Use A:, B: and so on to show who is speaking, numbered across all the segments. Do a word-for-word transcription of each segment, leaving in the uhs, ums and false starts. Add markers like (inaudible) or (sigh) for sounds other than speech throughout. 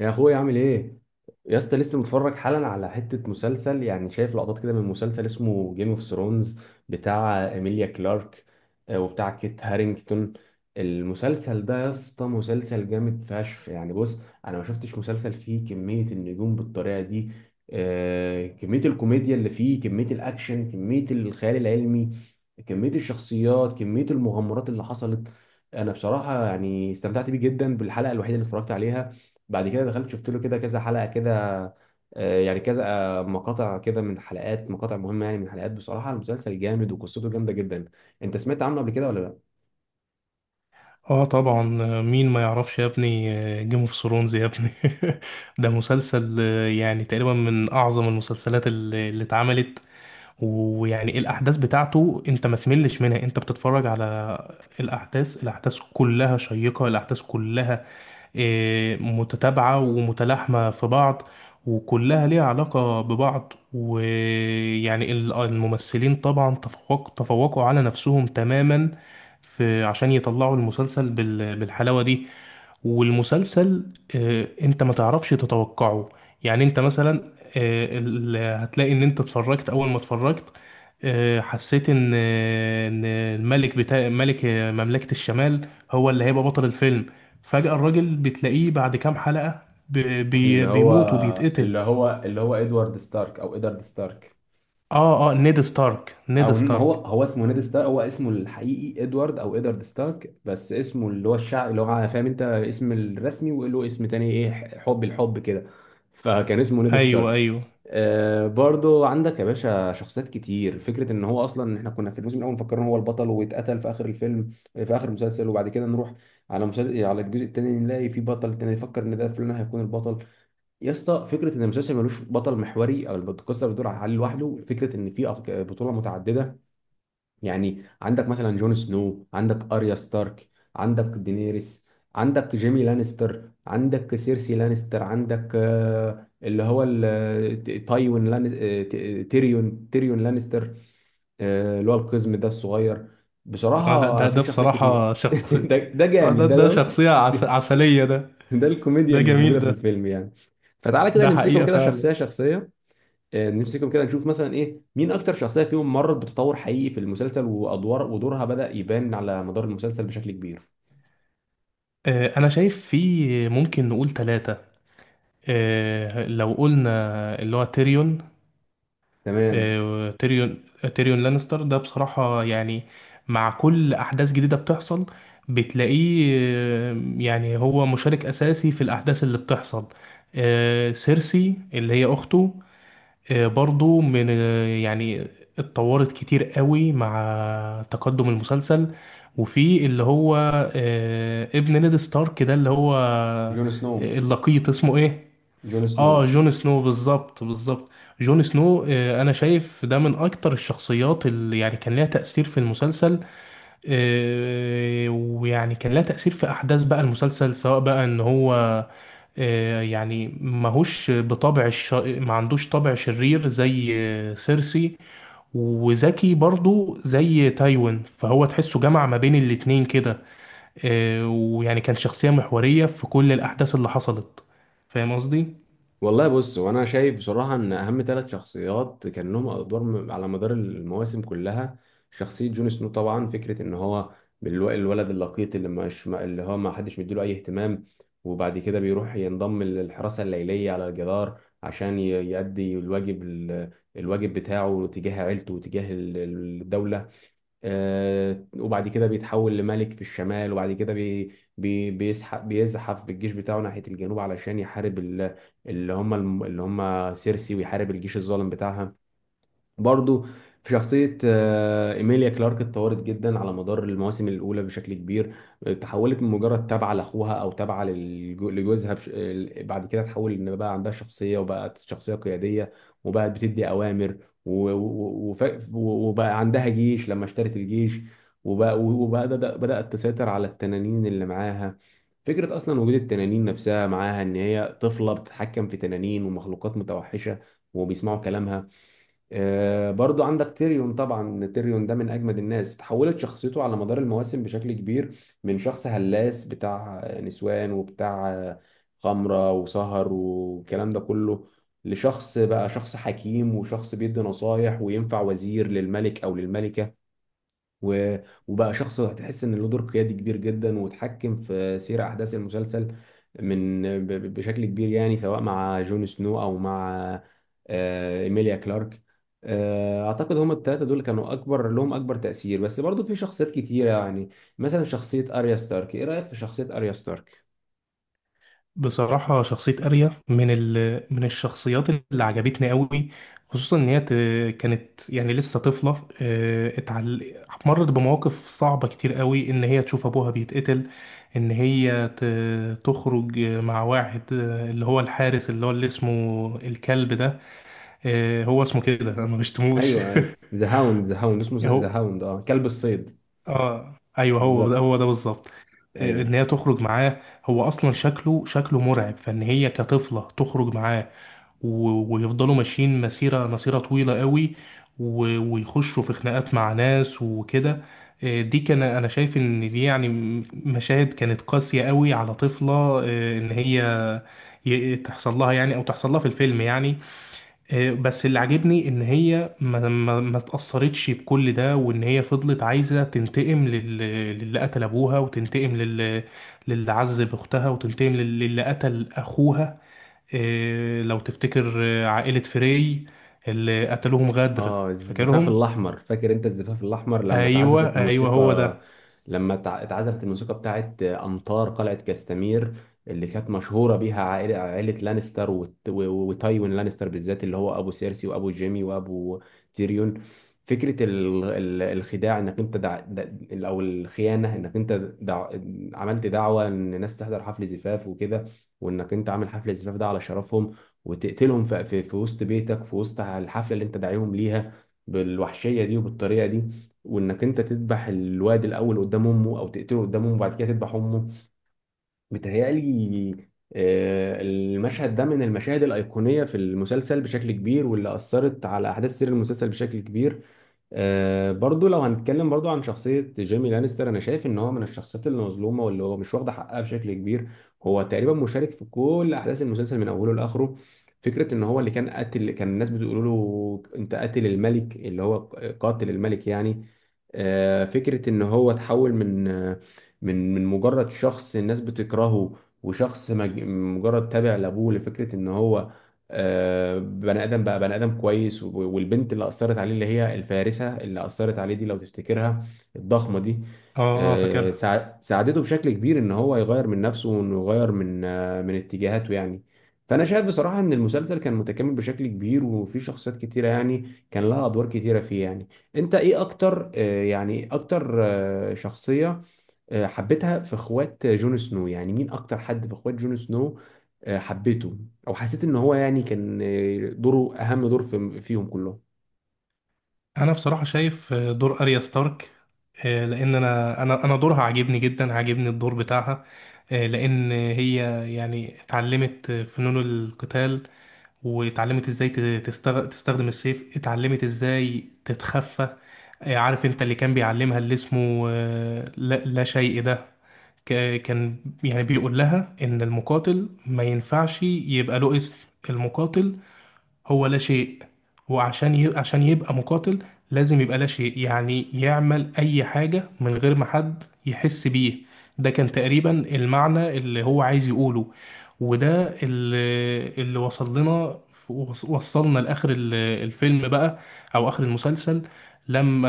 A: يا اخويا عامل ايه؟ يا اسطى لسه متفرج حالا على حته مسلسل، يعني شايف لقطات كده من مسلسل اسمه جيم اوف ثرونز، بتاع ايميليا كلارك آه، وبتاع كيت هارينجتون. المسلسل ده يا اسطى مسلسل جامد فشخ، يعني بص، انا ما شفتش مسلسل فيه كميه النجوم بالطريقه دي. آه، كميه الكوميديا اللي فيه، كميه الاكشن، كميه الخيال العلمي، كميه الشخصيات، كميه المغامرات اللي حصلت. انا بصراحه يعني استمتعت بيه جدا بالحلقه الوحيده اللي اتفرجت عليها. بعد كده دخلت شفت له كده كذا حلقة كده. آه، يعني كذا آه، مقاطع كده من حلقات، مقاطع مهمة يعني من حلقات. بصراحة المسلسل جامد وقصته جامدة جدا. انت سمعت عنه قبل كده ولا لا؟
B: اه، طبعا. مين ما يعرفش يا ابني؟ جيم اوف ثرونز يا ابني (laughs) ده مسلسل آه، يعني تقريبا من اعظم المسلسلات اللي اللي اتعملت. ويعني الاحداث بتاعته انت ما تملش منها، انت بتتفرج على الاحداث الاحداث كلها شيقة، الاحداث كلها آه، متتابعة ومتلاحمة في بعض، وكلها ليها علاقة ببعض. ويعني ال- الممثلين طبعا تفوق تفوقوا على نفسهم تماما، في عشان يطلعوا المسلسل بال- بالحلاوة دي. والمسلسل آه، انت ما تعرفش تتوقعه. يعني انت مثلا آه، ال- هتلاقي ان انت اتفرجت اول ما اتفرجت آه، حسيت ان آه، ان الملك بتاع ملك آه، مملكة الشمال هو اللي هيبقى بطل الفيلم. فجأة الراجل بتلاقيه بعد كام حلقة ب-
A: اللي
B: بي-
A: هو
B: بيموت وبيتقتل.
A: اللي هو اللي هو ادوارد ستارك او ادارد ستارك.
B: اه، اه، نيد ستارك نيد
A: او ما هو
B: ستارك.
A: هو اسمه نيد ستارك، هو اسمه الحقيقي ادوارد او ادارد ستارك، بس اسمه اللي هو الشعب اللي هو فاهم انت اسم الرسمي وله اسم تاني ايه، حب الحب كده، فكان اسمه نيد
B: ايوه
A: ستارك.
B: ايوه.
A: آه، برضو عندك يا باشا شخصيات كتير. فكرة ان هو اصلا احنا كنا في الموسم الاول مفكرين هو البطل واتقتل في اخر الفيلم في اخر المسلسل، وبعد كده نروح على مسلسل على الجزء التاني نلاقي في بطل تاني، يفكر ان ده فلان هيكون البطل. يا اسطى فكرة ان المسلسل ملوش بطل محوري او القصة بتدور على علي لوحده، فكرة ان في أب- بطولة متعددة. يعني عندك مثلا جون سنو، عندك اريا ستارك، عندك دينيريس، عندك جيمي لانستر، عندك سيرسي لانستر، عندك آه، اللي هو ال- ت- تايوين لان آه، ت- آه، تيريون تيريون لانستر، آه، اللي هو القزم ده الصغير.
B: اه، لا،
A: بصراحة
B: ده
A: في
B: ده
A: شخصيات كتير.
B: بصراحة
A: (laughs)
B: شخصية.
A: ده ده
B: اه،
A: جامد،
B: ده
A: ده
B: ده
A: ده بص،
B: شخصية عس...
A: ده
B: عسلية ده.
A: ده الكوميديا
B: ده
A: اللي
B: جميل
A: موجودة في
B: ده.
A: الفيلم يعني. فتعالى كده
B: ده
A: نمسكهم
B: حقيقة
A: كده
B: فعلا.
A: شخصية شخصية، آه، نمسكهم كده نشوف مثلا ايه، مين اكتر شخصيه فيهم مرت بتطور حقيقي في المسلسل وادوار ودورها بدأ يبان على مدار المسلسل بشكل كبير.
B: آه أنا شايف في ممكن نقول ثلاثة. آه لو قلنا اللي هو تيريون.
A: تمام.
B: آه تيريون تيريون لانستر ده بصراحة يعني مع كل أحداث جديدة بتحصل بتلاقيه. آه، يعني هو مشارك أساسي في الأحداث اللي بتحصل. آه سيرسي اللي هي أخته، آه، برضو من آه، يعني اتطورت كتير قوي مع تقدم المسلسل. وفي اللي هو آه، ابن نيد ستارك ده، اللي هو آه،
A: جون سنو.
B: اللقيط، اسمه ايه؟
A: جون سنو.
B: اه، جون سنو، بالظبط بالظبط. جون سنو آه، انا شايف ده من اكتر الشخصيات اللي يعني كان ليها تأثير في المسلسل. آه، ويعني كان لها تأثير في أحداث بقى المسلسل، سواء بقى إن هو آه، يعني ماهوش بطبع الش... ما عندوش طبع شرير زي آه، سيرسي، وذكي برضو زي تايوين، فهو تحسه جمع ما بين الاتنين كده. آه، ويعني كان شخصية محورية في كل الأحداث اللي حصلت. فاهم قصدي؟
A: والله بص، وانا شايف بصراحه ان اهم ثلاث شخصيات كان لهم ادوار م- على مدار المواسم كلها، شخصيه جون سنو طبعا. فكره ان هو الو- الولد اللقيط اللي مش اللي هو ما حدش مديله اي اهتمام، وبعد كده بيروح ينضم للحراسه الليليه على الجدار عشان ي- يؤدي الواجب ال- الواجب بتاعه تجاه عيلته وتجاه ال- الدوله. آه، وبعد كده بيتحول لملك في الشمال، وبعد كده بي بي بيسحف بيزحف بالجيش بتاعه ناحية الجنوب علشان يحارب ال- اللي هم الم- اللي هم سيرسي، ويحارب الجيش الظالم بتاعها. برضو في شخصية آه، إيميليا كلارك، اتطورت جدا على مدار المواسم الأولى بشكل كبير. تحولت من مجرد تابعة لأخوها أو تابعة للجو- لجوزها، بش... آه، بعد كده اتحولت إن بقى عندها شخصية وبقت شخصية قيادية وبقت بتدي أوامر، و... و... وف... وبقى عندها جيش لما اشترت الجيش، وبقى وبقى بدأ- بدأت تسيطر على التنانين اللي معاها. فكرة أصلا وجود التنانين نفسها معاها إن هي طفلة بتتحكم في تنانين ومخلوقات متوحشة وبيسمعوا كلامها. آه، برضو عندك تيريون طبعا. تيريون ده من اجمد الناس، تحولت شخصيته على مدار المواسم بشكل كبير، من شخص هلاس بتاع نسوان وبتاع خمرة وسهر والكلام ده كله، لشخص بقى شخص حكيم وشخص بيدي نصايح وينفع وزير للملك او للملكة، و... وبقى شخص هتحس ان له دور قيادي كبير جدا وتحكم في سير احداث المسلسل من ب... ب- بشكل كبير، يعني سواء مع جون سنو او مع آه، ايميليا كلارك. آه، اعتقد هم الثلاثه دول كانوا اكبر لهم اكبر تاثير، بس برضو في شخصيات كتيره يعني. مثلا شخصيه اريا ستارك، ايه رايك في شخصيه اريا ستارك؟
B: بصراحة شخصية أريا من ال... من الشخصيات اللي عجبتني قوي، خصوصا إن هي ت... كانت يعني لسه طفلة. آه، اتعل... مرت بمواقف صعبة كتير قوي، إن هي تشوف أبوها بيتقتل، إن هي ت... تخرج مع واحد آه، اللي هو الحارس، اللي هو اللي اسمه الكلب ده. آه، هو اسمه كده، أنا مش (laughs) تموش.
A: ايوه، ايوه، ذا هاوند. ذا هاوند اسمه ذا هاوند، اه كلب الصيد.
B: اه ايوه، هو ده
A: بالظبط.
B: هو ده بالظبط. آه،
A: ايوه.
B: ان هي تخرج معاه، هو اصلا شكله شكله مرعب، فان هي كطفله تخرج معاه، و- ويفضلوا ماشيين مسيره مسيره طويله قوي، و- ويخشوا في خناقات مع ناس وكده. آه، دي كان انا شايف ان دي يعني م- مشاهد كانت قاسيه قوي على طفله، آه، ان هي ي- تحصل لها، يعني او تحصل لها في الفيلم يعني. آه، بس اللي عاجبني ان هي ما ما ما اتأثرتش بكل ده، وان هي فضلت عايزة تنتقم لل- للي قتل ابوها، وتنتقم لل- للي عذب اختها، وتنتقم لل- للي قتل اخوها. آه، لو تفتكر آه، عائلة فري اللي قتلوهم غدر.
A: اه الزفاف
B: فاكرهم.
A: الاحمر، فاكر انت الزفاف الاحمر لما اتعزفت
B: ايوه ايوه، هو
A: موسيقى،
B: ده.
A: لما اتع- اتعزفت الموسيقى بتاعت امطار قلعة كاستمير، اللي كانت مشهورة بيها عائلة عائلة لانستر وت- و- و- وتايوين لانستر بالذات، اللي هو ابو سيرسي وابو جيمي وابو تيريون. فكرة ال- ال- الخداع انك انت دع... دع... او الخيانة انك انت دع... عملت دعوة ان الناس تحضر حفل زفاف وكده، وانك انت عامل حفل الزفاف ده على شرفهم، وتقتلهم في في في وسط بيتك في وسط الحفلة اللي انت داعيهم ليها بالوحشية دي وبالطريقة دي، وانك انت تذبح الواد الاول قدام امه او تقتله قدام امه وبعد كده تذبح امه. متهيألي آه، المشهد ده من المشاهد الأيقونية في المسلسل بشكل كبير، واللي أثرت على أحداث سير المسلسل بشكل كبير. آه، برضو لو هنتكلم برضو عن شخصية جيمي لانستر، أنا شايف إن هو من الشخصيات اللي مظلومة واللي هو مش واخدة حقها بشكل كبير. هو تقريبا مشارك في كل أحداث المسلسل من أوله لآخره. فكرة إن هو اللي كان قاتل، كان الناس بتقول له أنت قاتل الملك، اللي هو قاتل الملك يعني. آه، فكرة إن هو تحول من آه، من من مجرد شخص الناس بتكرهه وشخص مج- مجرد تابع لابوه، لفكره ان هو آه، بني ادم، بقى بني ادم كويس. و- والبنت اللي اثرت عليه اللي هي الفارسه اللي اثرت عليه دي لو تفتكرها، الضخمه دي،
B: اه اه،
A: آه،
B: فاكرها.
A: ساع- ساعدته بشكل كبير ان هو يغير من نفسه وانه يغير من آه، من اتجاهاته يعني. فانا شايف بصراحه ان المسلسل كان متكامل بشكل كبير، وفي شخصيات كتيره يعني كان لها ادوار كتيره فيه يعني. انت ايه اكتر آه، يعني إيه اكتر آه، شخصيه آه، حبيتها في اخوات جون سنو؟ يعني مين اكتر حد في اخوات جون سنو آه، حبيته او حسيت ان هو يعني كان آه، دوره اهم دور في فيهم كلهم؟
B: انا بصراحه شايف آه، دور اريا ستارك، آه، لان انا انا انا دورها عاجبني جدا، عاجبني الدور بتاعها. آه، لان هي يعني اتعلمت فنون القتال، واتعلمت ازاي ت- تستغ- تستخدم السيف، اتعلمت ازاي تتخفى. آه، عارف انت اللي كان بيعلمها اللي اسمه آه، لا, لا شيء ده؟ ك- كان يعني بيقول لها ان المقاتل ما ينفعش يبقى له اسم. المقاتل هو لا شيء. وعشان ي... عشان يبقى مقاتل لازم يبقى لا شيء، يعني يعمل أي حاجة من غير ما حد يحس بيه. ده كان تقريبا المعنى اللي هو عايز يقوله، وده اللي, اللي وصل لنا. وص- وصلنا لآخر ال- الفيلم بقى، أو آخر المسلسل، لما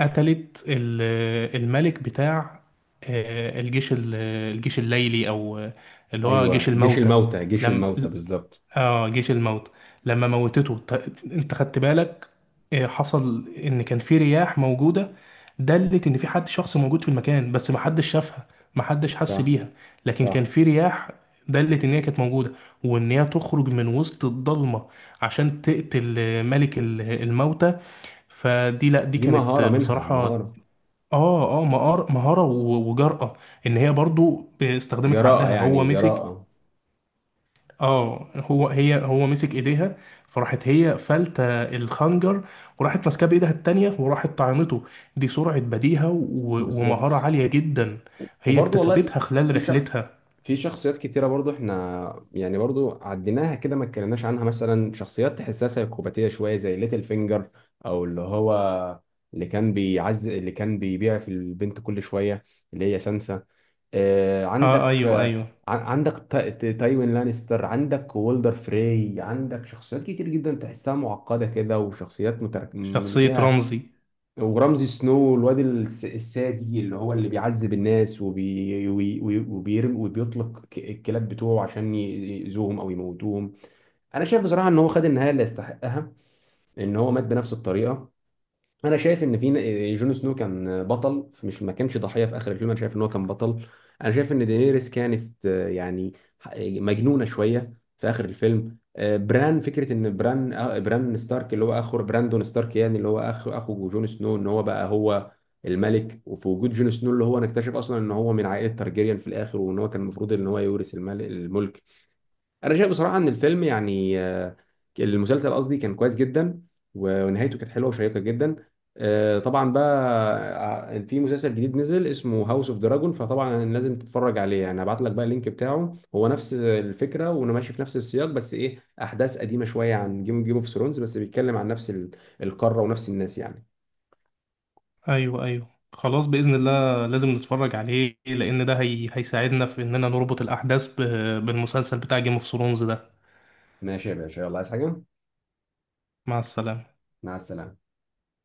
B: قتلت ال- الملك بتاع آه، الجيش ال- الجيش الليلي، أو آه، اللي هو جيش
A: ايوه، جيش
B: الموتى.
A: الموتى جيش
B: لم
A: الموتى بالظبط.
B: اه، جيش الموت. لما موتته ت- انت خدت بالك؟ آه، حصل ان كان في رياح موجوده، دلت ان في حد شخص موجود في المكان، بس محدش شافها، محدش حس
A: صح.
B: بيها. لكن كان
A: صح.
B: في رياح دلت ان هي كانت موجوده، وان هي تخرج من وسط الضلمه عشان تقتل آه، ملك ال- الموتى. فدي، لا، دي
A: دي
B: كانت
A: مهارة
B: آه،
A: منها،
B: بصراحه
A: مهارة.
B: اه اه مهار- مهاره و- وجرأة. ان هي برضو استخدمت
A: جراءة
B: عقلها، هو
A: يعني،
B: مسك،
A: جراءة.
B: اه، هو هي هو مسك ايديها، فراحت هي فلتة الخنجر، وراحت ماسكاه بايدها التانية، وراحت طعنته. دي سرعة بديهة و- ومهارة
A: بالظبط.
B: عالية جدا هي
A: وبرضه والله في
B: اكتسبتها خلال
A: في شخص
B: رحلتها.
A: في شخصيات كتيرة برضه احنا يعني برضه عديناها كده ما اتكلمناش عنها. مثلا شخصيات تحسها سيكوباتية شوية زي ليتل فينجر، او اللي هو اللي كان بيعز اللي كان بيبيع في البنت كل شوية، اللي هي سانسا. آه،
B: اه
A: عندك
B: ايوه
A: آه،
B: ايوه،
A: عن- عندك تا- تا- تايوين لانستر، عندك وولدر فري، عندك شخصيات كتير جدا تحسها معقدة كده وشخصيات متر... اللي
B: شخصية
A: فيها
B: رمزي.
A: ورمزي سنو، الواد الس- السادي اللي هو اللي بيعذب الناس وبي وي- وي- وبيرم وبيطلق ك- الكلاب بتوعه عشان ي- يأذوهم او يموتوهم. انا شايف بصراحه ان هو خد النهايه اللي يستحقها، ان هو مات بنفس الطريقه. انا شايف ان في ن- جون سنو كان بطل مش ما كانش ضحيه في اخر الفيلم، انا شايف ان هو كان بطل. انا شايف ان دينيريس كانت آه، يعني ح- مجنونه شويه في اخر الفيلم. آه، بران، فكره ان بران آه، بران ستارك اللي هو اخو براندون ستارك يعني اللي هو اخو اخو جون سنو، ان هو بقى هو الملك، وفي وجود جون سنو اللي هو نكتشف اصلا ان هو من عائله تارجيريان في الاخر، وان هو كان المفروض ان هو يورث الملك الملك. انا شايف بصراحه ان الفيلم يعني آه، المسلسل قصدي كان كويس جدا، و- ونهايته كانت حلوه وشيقه جدا. آه، طبعا بقى آه، في مسلسل جديد نزل اسمه هاوس اوف دراجون، فطبعا لازم تتفرج عليه يعني. هبعت لك بقى اللينك بتاعه. هو نفس الفكره وانا ماشي في نفس السياق، بس ايه احداث قديمه شويه عن جيم جيم اوف ثرونز، بس بيتكلم عن نفس ال- القاره ونفس الناس يعني.
B: ايوه ايوه، خلاص بإذن الله لازم نتفرج عليه، لأن ده هي... هيساعدنا في إننا نربط الأحداث ب... بالمسلسل بتاع جيم اوف ثرونز ده.
A: ماشي يا باشا، يلا، عايز حاجه؟
B: مع السلامة.
A: مع السلامه.